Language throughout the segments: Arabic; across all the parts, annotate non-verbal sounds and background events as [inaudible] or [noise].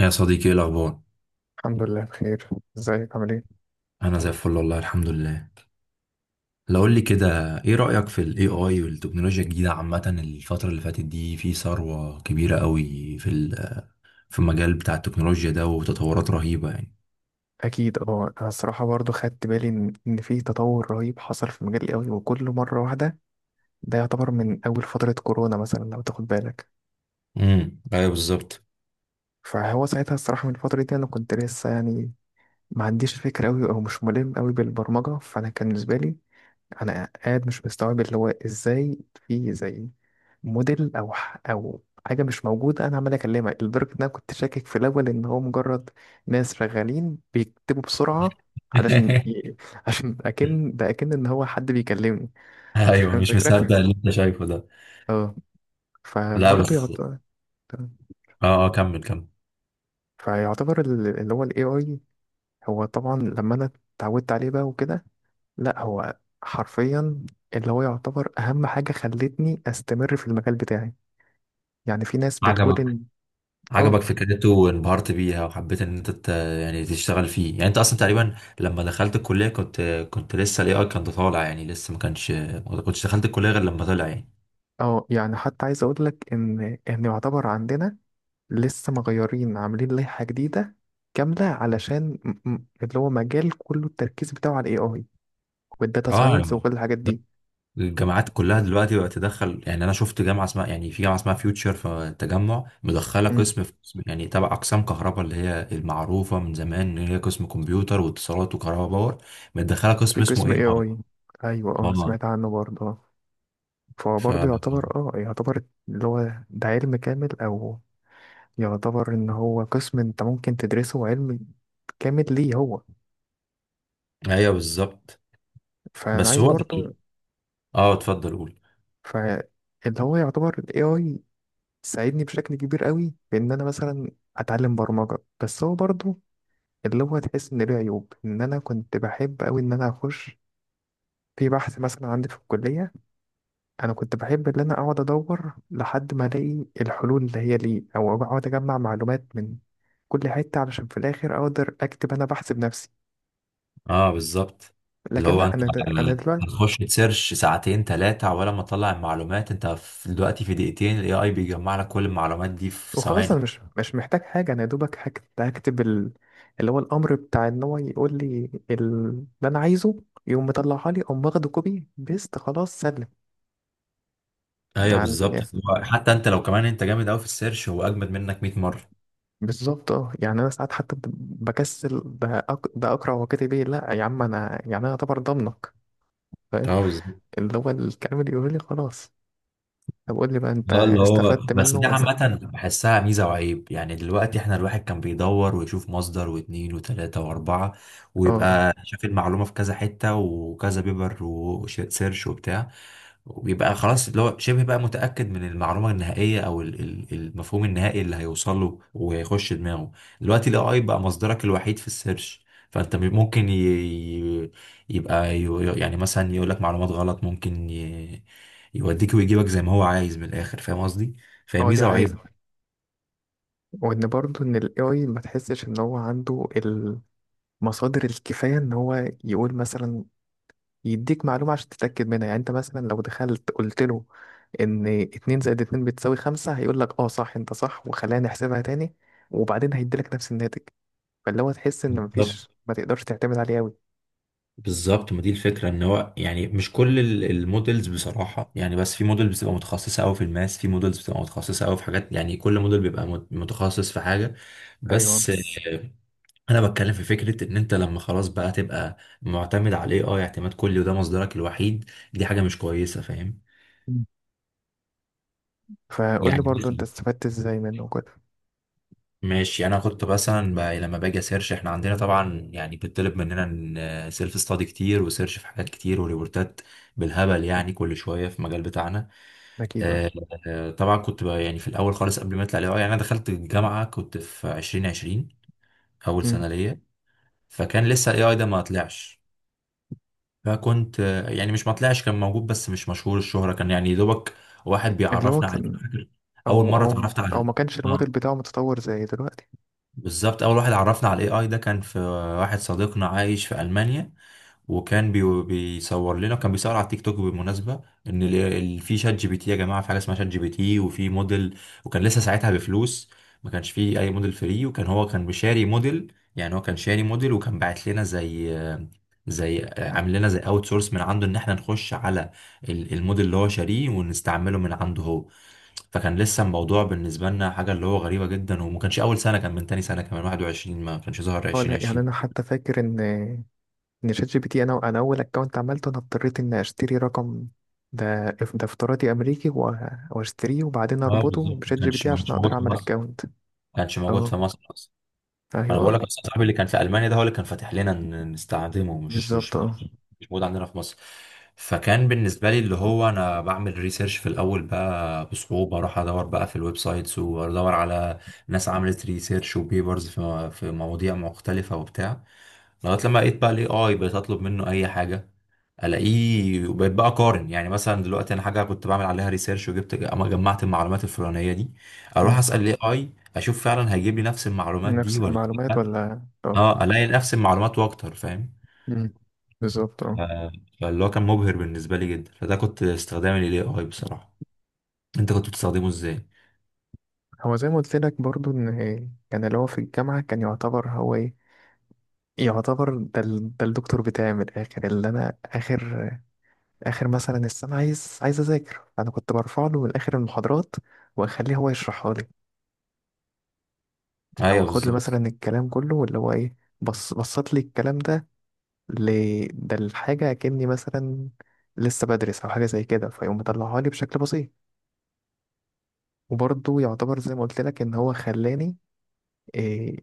يا صديقي، ايه الاخبار؟ الحمد لله بخير. ازيك عامل ايه؟ انا زي الفل، والله الحمد لله. لو قول لي كده، ايه رايك في الاي اي والتكنولوجيا الجديده عامه؟ الفتره اللي فاتت دي، في ثروه كبيره قوي في في المجال بتاع التكنولوجيا ده، وتطورات رهيبه يعني. اكيد اه، انا الصراحه برضو خدت بالي ان في تطور رهيب حصل في مجال قوي وكل مره واحده ده يعتبر من اول فتره كورونا مثلا لو تاخد بالك. ايوه، بالظبط. فهو ساعتها الصراحه من الفتره دي انا كنت لسه يعني ما عنديش فكره قوي او مش ملم قوي بالبرمجه، فانا كان بالنسبه لي انا قاعد مش مستوعب اللي هو ازاي في زي موديل او حاجه مش موجوده انا عمال اكلمها، لدرجه ان انا كنت شاكك في الاول ان هو مجرد ناس شغالين بيكتبوا بسرعه. علشان [laughs] ي- [laughs] عشان اكن ده اكن ان هو حد بيكلمني. انت ايوه، فاهم مش الفكره؟ مصدق اللي انت شايفه ده. اه. لا فبرضه بس، يعتبر، اه، كمل كمل. فيعتبر اللي هو الاي اي هو طبعا لما انا اتعودت عليه بقى وكده، لا هو حرفيا اللي هو يعتبر اهم حاجه خلتني استمر في المجال بتاعي. يعني في ناس بتقول عجبك، ان عجبك اه فكرته وانبهرت بيها وحبيت ان انت يعني تشتغل فيه. يعني انت اصلا تقريبا لما دخلت الكلية كنت، كنت لسه الاي اي كان طالع، يعني لسه ما كانش، ما كنتش دخلت الكلية غير لما طلع يعني. اه، يعني حتى عايز اقول لك ان يعتبر عندنا لسه مغيرين عاملين لائحة جديدة كاملة علشان اللي هو مجال كله التركيز بتاعه على الاي اي والداتا اه ساينس يعني، وكل الحاجات دي. الجامعات كلها دلوقتي بقت تدخل يعني. انا شفت جامعة اسمها، يعني في جامعة اسمها فيوتشر في التجمع، مدخلة مم. قسم، في قسم يعني تبع اقسام كهرباء، اللي هي المعروفة من زمان ان هي قسم كمبيوتر واتصالات وكهرباء باور، مدخلة في قسم اسمه قسم اي اي. اي اي؟ ايوه اه، اه سمعت عنه برضه آه. ف، فبرضه يعتبر اه، يعتبر اللي هو ده علم كامل، او يعتبر ان هو قسم انت ممكن تدرسه علم كامل ليه هو. ايوه بالظبط. فانا بس عايز هو برضه، يعني، اه، اتفضل قول. ف اللي هو يعتبر ال AI تساعدني بشكل كبير قوي في ان انا مثلا اتعلم برمجه. بس هو برضو اللي هو تحس ان له عيوب، ان انا كنت بحب قوي ان انا اخش في بحث مثلا عندي في الكليه، انا كنت بحب ان انا اقعد ادور لحد ما الاقي الحلول اللي هي ليه او اقعد اجمع معلومات من كل حته علشان في الاخر اقدر اكتب انا بحث بنفسي. اه بالظبط، اللي لكن هو لا انت انا، انا دلوقتي هتخش تسيرش ساعتين ثلاثة ولا ما تطلع المعلومات، انت في دلوقتي في دقيقتين الاي اي بيجمع لك كل المعلومات دي في وخلاص ثواني. انا مش محتاج حاجه، انا يا دوبك هكتب ال... اللي هو الامر بتاع ان هو يقول لي اللي انا عايزه يقوم مطلعها لي او واخده كوبي بيست خلاص سلم. ايوه يعني بالظبط، هو حتى انت لو كمان انت جامد قوي في السيرش، هو اجمد منك 100 مرة. بالظبط اه، يعني انا ساعات حتى بكسل ده أق... ده اقرا وكاتب ايه، لا يا عم انا يعني انا اعتبر ضمنك، فاهم؟ اه بالظبط. اللي هو الكلام اللي يقول لي خلاص. طب قول لي بقى انت اه اللي هو، استفدت بس منه دي ولا لا؟ عامة بحسها ميزة وعيب يعني. دلوقتي احنا الواحد كان بيدور ويشوف مصدر واتنين وتلاتة واربعة، اه اه. ويبقى شاف المعلومة في كذا حتة وكذا بيبر وسيرش وبتاع، وبيبقى خلاص اللي هو شبه بقى متأكد من المعلومة النهائية، أو المفهوم النهائي اللي هيوصل له وهيخش دماغه. دلوقتي ال AI بقى مصدرك الوحيد في السيرش. فأنت م- ممكن ي... ي- يبقى ي... يعني مثلا يقول لك معلومات غلط، ممكن يوديك ويجيبك زي ما هو عايز من الآخر، فاهم قصدي؟ فهي آه، دي ميزة وعيب. حقيقه، وان برضه ان الاي اي ما تحسش ان هو عنده مصادر الكفاية إن هو يقول مثلا، يديك معلومة عشان تتأكد منها. يعني أنت مثلا لو دخلت قلت له إن اتنين زائد اتنين بتساوي خمسة هيقول لك أه صح، أنت صح، وخلينا نحسبها تاني، وبعدين هيديلك نفس الناتج. فاللي هو تحس إن بالظبط، مفيش، ما تقدرش تعتمد عليه أوي. بالظبط. ما دي الفكره، ان هو يعني مش كل المودلز، بصراحه يعني، بس في موديل بتبقى متخصصه قوي في الماس، في موديلز بتبقى متخصصه قوي في حاجات، يعني كل موديل بيبقى متخصص في حاجه. ايوه بس بس. آه، انا بتكلم في فكره ان انت لما خلاص بقى تبقى معتمد على الاي اي اعتماد كلي، وده مصدرك الوحيد، دي حاجه مش كويسه، فاهم. مم. فقول لي يعني برضو أنت مثلا، استفدت إزاي منه كده؟ ماشي، انا كنت مثلا لما باجي اسيرش، احنا عندنا طبعا يعني بتطلب مننا سيلف ستادي كتير وسيرش في حاجات كتير وريبورتات بالهبل يعني، كل شويه في المجال بتاعنا. أكيد أه. آه، آه، طبعا كنت بقى يعني في الاول خالص قبل ما يطلع الاي اي، يعني انا دخلت الجامعه كنت في 2020، اول مم. سنه ليا. فكان لسه الاي اي ده ما طلعش. فكنت آه، يعني مش ما طلعش، كان موجود بس مش مشهور الشهره، كان يعني يا دوبك واحد اللي هو بيعرفنا عليه. كان فاكر اول أو مره أو اتعرفت أو على، ما كانش اه، الموديل بتاعه متطور زي دلوقتي؟ بالظبط. اول واحد عرفنا على الاي اي ده كان في، واحد صديقنا عايش في المانيا، وكان بيصور لنا، كان بيصور على التيك توك بالمناسبه ان في شات جي بي تي، يا جماعه في حاجه اسمها شات جي بي تي وفي موديل. وكان لسه ساعتها بفلوس، ما كانش فيه اي موديل فري، وكان هو كان بشاري موديل، يعني هو كان شاري موديل، وكان باعت لنا زي، زي عامل لنا زي اوت سورس من عنده، ان احنا نخش على الموديل اللي هو شاريه ونستعمله من عنده هو. فكان لسه الموضوع بالنسبه لنا حاجه اللي هو غريبه جدا، وما كانش اول سنه، كان من تاني سنه، كمان 21، ما كانش ظهر أه لا، يعني 2020. أنا حتى فاكر إن ان شات جي بي تي انا اول اكونت عملته انا اضطريت ان اشتري رقم، ده افتراضي امريكي، و- واشتريه وبعدين اه اربطه بالظبط، ما بشات جي بي كانش تي ما عشان كانش اقدر موجود في اعمل مصر، اكونت. كانش موجود اه في مصر اصلا. انا بقول ايوه لك اصلا صاحبي اللي كان في المانيا ده هو اللي كان فاتح لنا نستخدمه، مش مش بالظبط اه. مش موجود عندنا في مصر. فكان بالنسبه لي اللي هو انا بعمل ريسيرش في الاول بقى بصعوبه، اروح ادور بقى في الويب سايتس وادور على ناس عملت ريسيرش وبيبرز في في مواضيع مختلفه وبتاع. لغايه لما لقيت بقى الاي اي، بقيت اطلب منه اي حاجه الاقيه، وبقيت بقى اقارن. يعني مثلا دلوقتي انا حاجه كنت بعمل عليها ريسيرش وجبت، اما جمعت المعلومات الفلانيه دي اروح مم. اسال الاي اي اشوف فعلا هيجيب لي نفس المعلومات دي نفس ولا المعلومات لأ. ولا اه؟ اه الاقي نفس المعلومات واكتر، فاهم. مم. بالظبط اه. آه، فاللي هو كان مبهر بالنسبه لي جدا. فده كنت استخدام الاي اي بصراحه، انت كنت بتستخدمه ازاي؟ هو زي ما قلت لك برضو ان كان اللي هو في الجامعه كان يعتبر هو ايه، يعتبر ده, ال... ده الدكتور بتاعي من الاخر، اللي انا اخر اخر مثلا السنه عايز اذاكر انا كنت برفع له من اخر المحاضرات واخليه هو يشرحها لي، او ايوه اخد لي بالظبط. مثلا الكلام كله واللي هو ايه، بص بصت لي الكلام ده ل... ده الحاجة كأني مثلا لسه بدرس او حاجة زي كده، فيقوم مطلعها لي بشكل بسيط. وبرضه يعتبر زي ما قلت لك ان هو خلاني إيه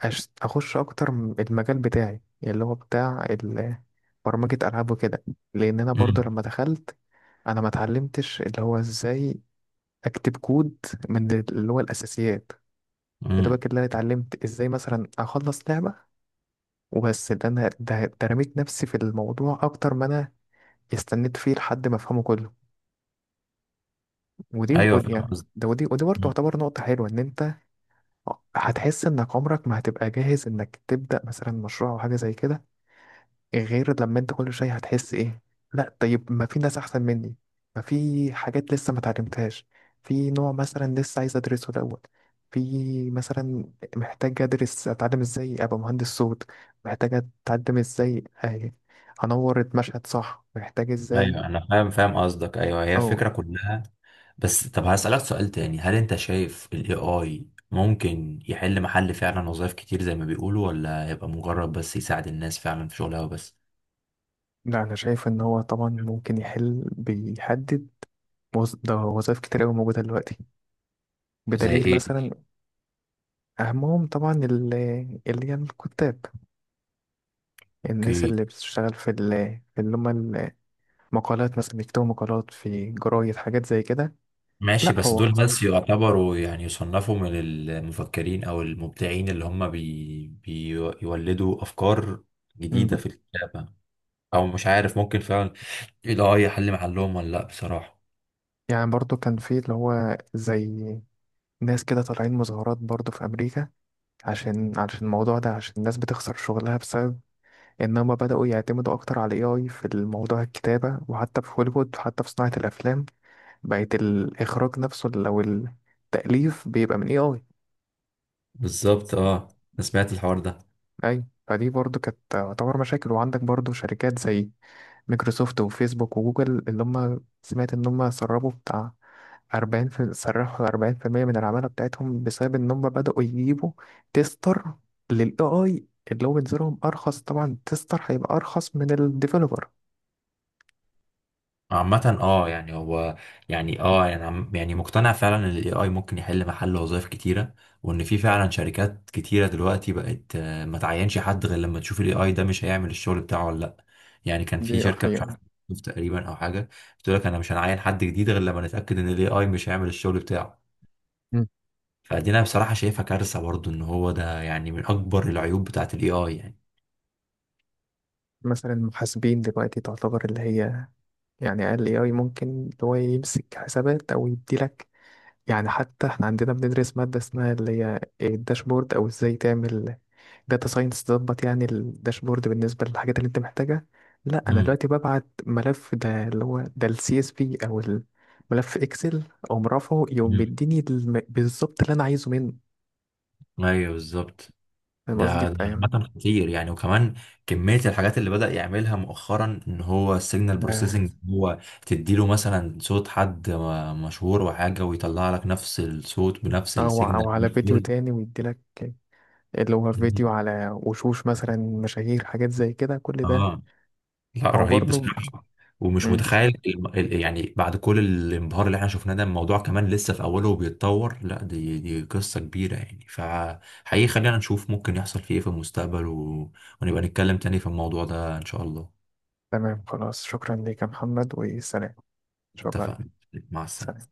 أش... اخش اكتر المجال بتاعي اللي هو بتاع ال... برمجة العاب وكده، لان انا برضه امم لما دخلت انا ما اتعلمتش اللي هو ازاي اكتب كود من اللي هو الاساسيات. يا امم دوبك اللي انا اتعلمت ازاي مثلا اخلص لعبة وبس. ده انا ده, ده رميت نفسي في الموضوع اكتر ما انا استنيت فيه لحد ما افهمه كله. ودي ايوه ودي فاهم يعني قصدي. ده ودي ودي برضه تعتبر نقطة حلوة، ان انت هتحس انك عمرك ما هتبقى جاهز انك تبدأ مثلا مشروع او حاجة زي كده، غير لما انت كل شويه هتحس ايه، لا طيب ما في ناس احسن مني، ما في حاجات لسه ما اتعلمتهاش، في نوع مثلا لسه عايز ادرسه الاول، في مثلا محتاج ادرس اتعلم ازاي ابقى مهندس صوت، محتاج اتعلم ازاي اه، انور المشهد صح، محتاج ازاي ايوه انا فاهم، فاهم قصدك، ايوه هي او. الفكره كلها. بس طب هسألك سؤال تاني: هل انت شايف ال AI ممكن يحل محل فعلا وظائف كتير زي ما بيقولوا، ولا هيبقى مجرد بس يساعد الناس فعلا في شغلها وبس؟ لا انا شايف ان هو طبعا ممكن يحل، بيحدد ده وظائف كتير قوي موجوده دلوقتي، زي بدليل ايه؟ مثلا اهمهم طبعا اللي هي الكتاب، الناس اوكي. اللي بتشتغل في ال في اللي هم المقالات، مثلا بيكتبوا مقالات في جرايد، حاجات زي كده. ماشي، لا بس هو. دول بس يعتبروا يعني يصنفوا من المفكرين او المبدعين اللي هم بيولدوا افكار مم. جديدة في الكتابة. او مش عارف، ممكن فعلا ال AI يحل محلهم ولا لا، بصراحة. يعني برضو كان في اللي هو زي ناس كده طالعين مظاهرات برضو في أمريكا، عشان الموضوع ده، عشان الناس بتخسر شغلها بسبب إن هما بدأوا يعتمدوا أكتر على ال AI في الموضوع الكتابة، وحتى في هوليوود وحتى في صناعة الأفلام بقت الإخراج نفسه أو التأليف بيبقى من AI. بالظبط. اه، انا سمعت الحوار ده. أيوة، فدي برضو كانت تعتبر مشاكل. وعندك برضو شركات زي مايكروسوفت وفيسبوك وجوجل اللي هم سمعت ان هم سربوا بتاع 40 في، سرحوا 40% من العمالة بتاعتهم بسبب ان هم بدأوا يجيبوا تيستر للاي اي، اللي هو بينزلهم ارخص، طبعا تيستر هيبقى ارخص من الديفلوبر. عامة اه يعني، هو يعني اه يعني يعني مقتنع فعلا ان الاي اي ممكن يحل محل وظائف كتيرة، وان في فعلا شركات كتيرة دلوقتي بقت آه، ما تعينش حد غير لما تشوف الاي اي ده مش هيعمل الشغل بتاعه ولا لا. يعني كان في دي شركة مش حقيقة. عارف تقريبا، او حاجة، بتقول لك انا مش هنعين حد جديد غير لما نتأكد ان الاي اي مش هيعمل الشغل بتاعه. مم. فدي انا بصراحة شايفها كارثة برضو، ان هو ده يعني من اكبر العيوب بتاعت الاي اي يعني. مثلا محاسبين دلوقتي تعتبر اللي هي، يعني اقل اي اي ممكن اللي هو يمسك حسابات او يديلك. يعني حتى احنا عندنا بندرس مادة اسمها اللي هي الداشبورد او ازاي تعمل داتا ساينس تظبط يعني الداشبورد بالنسبة للحاجات اللي انت محتاجها. لا انا دلوقتي ببعت ملف ده اللي هو ده السي اس في او الملف اكسل او مرافعه، يقوم امم بيديني بالظبط اللي انا عايزه منه، ايوه بالظبط. فاهم قصدي؟ ده فاهم. عامة خطير يعني. وكمان كمية الحاجات اللي بدأ يعملها مؤخرا ان هو السيجنال ده بروسيسنج، هو تديله مثلا صوت حد مشهور وحاجة ويطلع لك نفس الصوت بنفس او السيجنال. او على فيديو تاني ويديلك اللي هو فيديو [laughs] على وشوش مثلا مشاهير، حاجات زي كده كل ده. اه، لا هو رهيب برضه. بصراحة. ومش مم. متخيل يعني بعد كل الانبهار اللي احنا شفناه ده، الموضوع كمان لسه في اوله وبيتطور. لا دي قصة كبيرة يعني، فحقيقي خلينا نشوف ممكن يحصل فيه ايه في المستقبل، ونبقى نتكلم تاني في الموضوع ده ان شاء الله. تمام خلاص، شكرا ليك يا محمد وسلام. شكرا. اتفقنا، مع سلام. السلامة.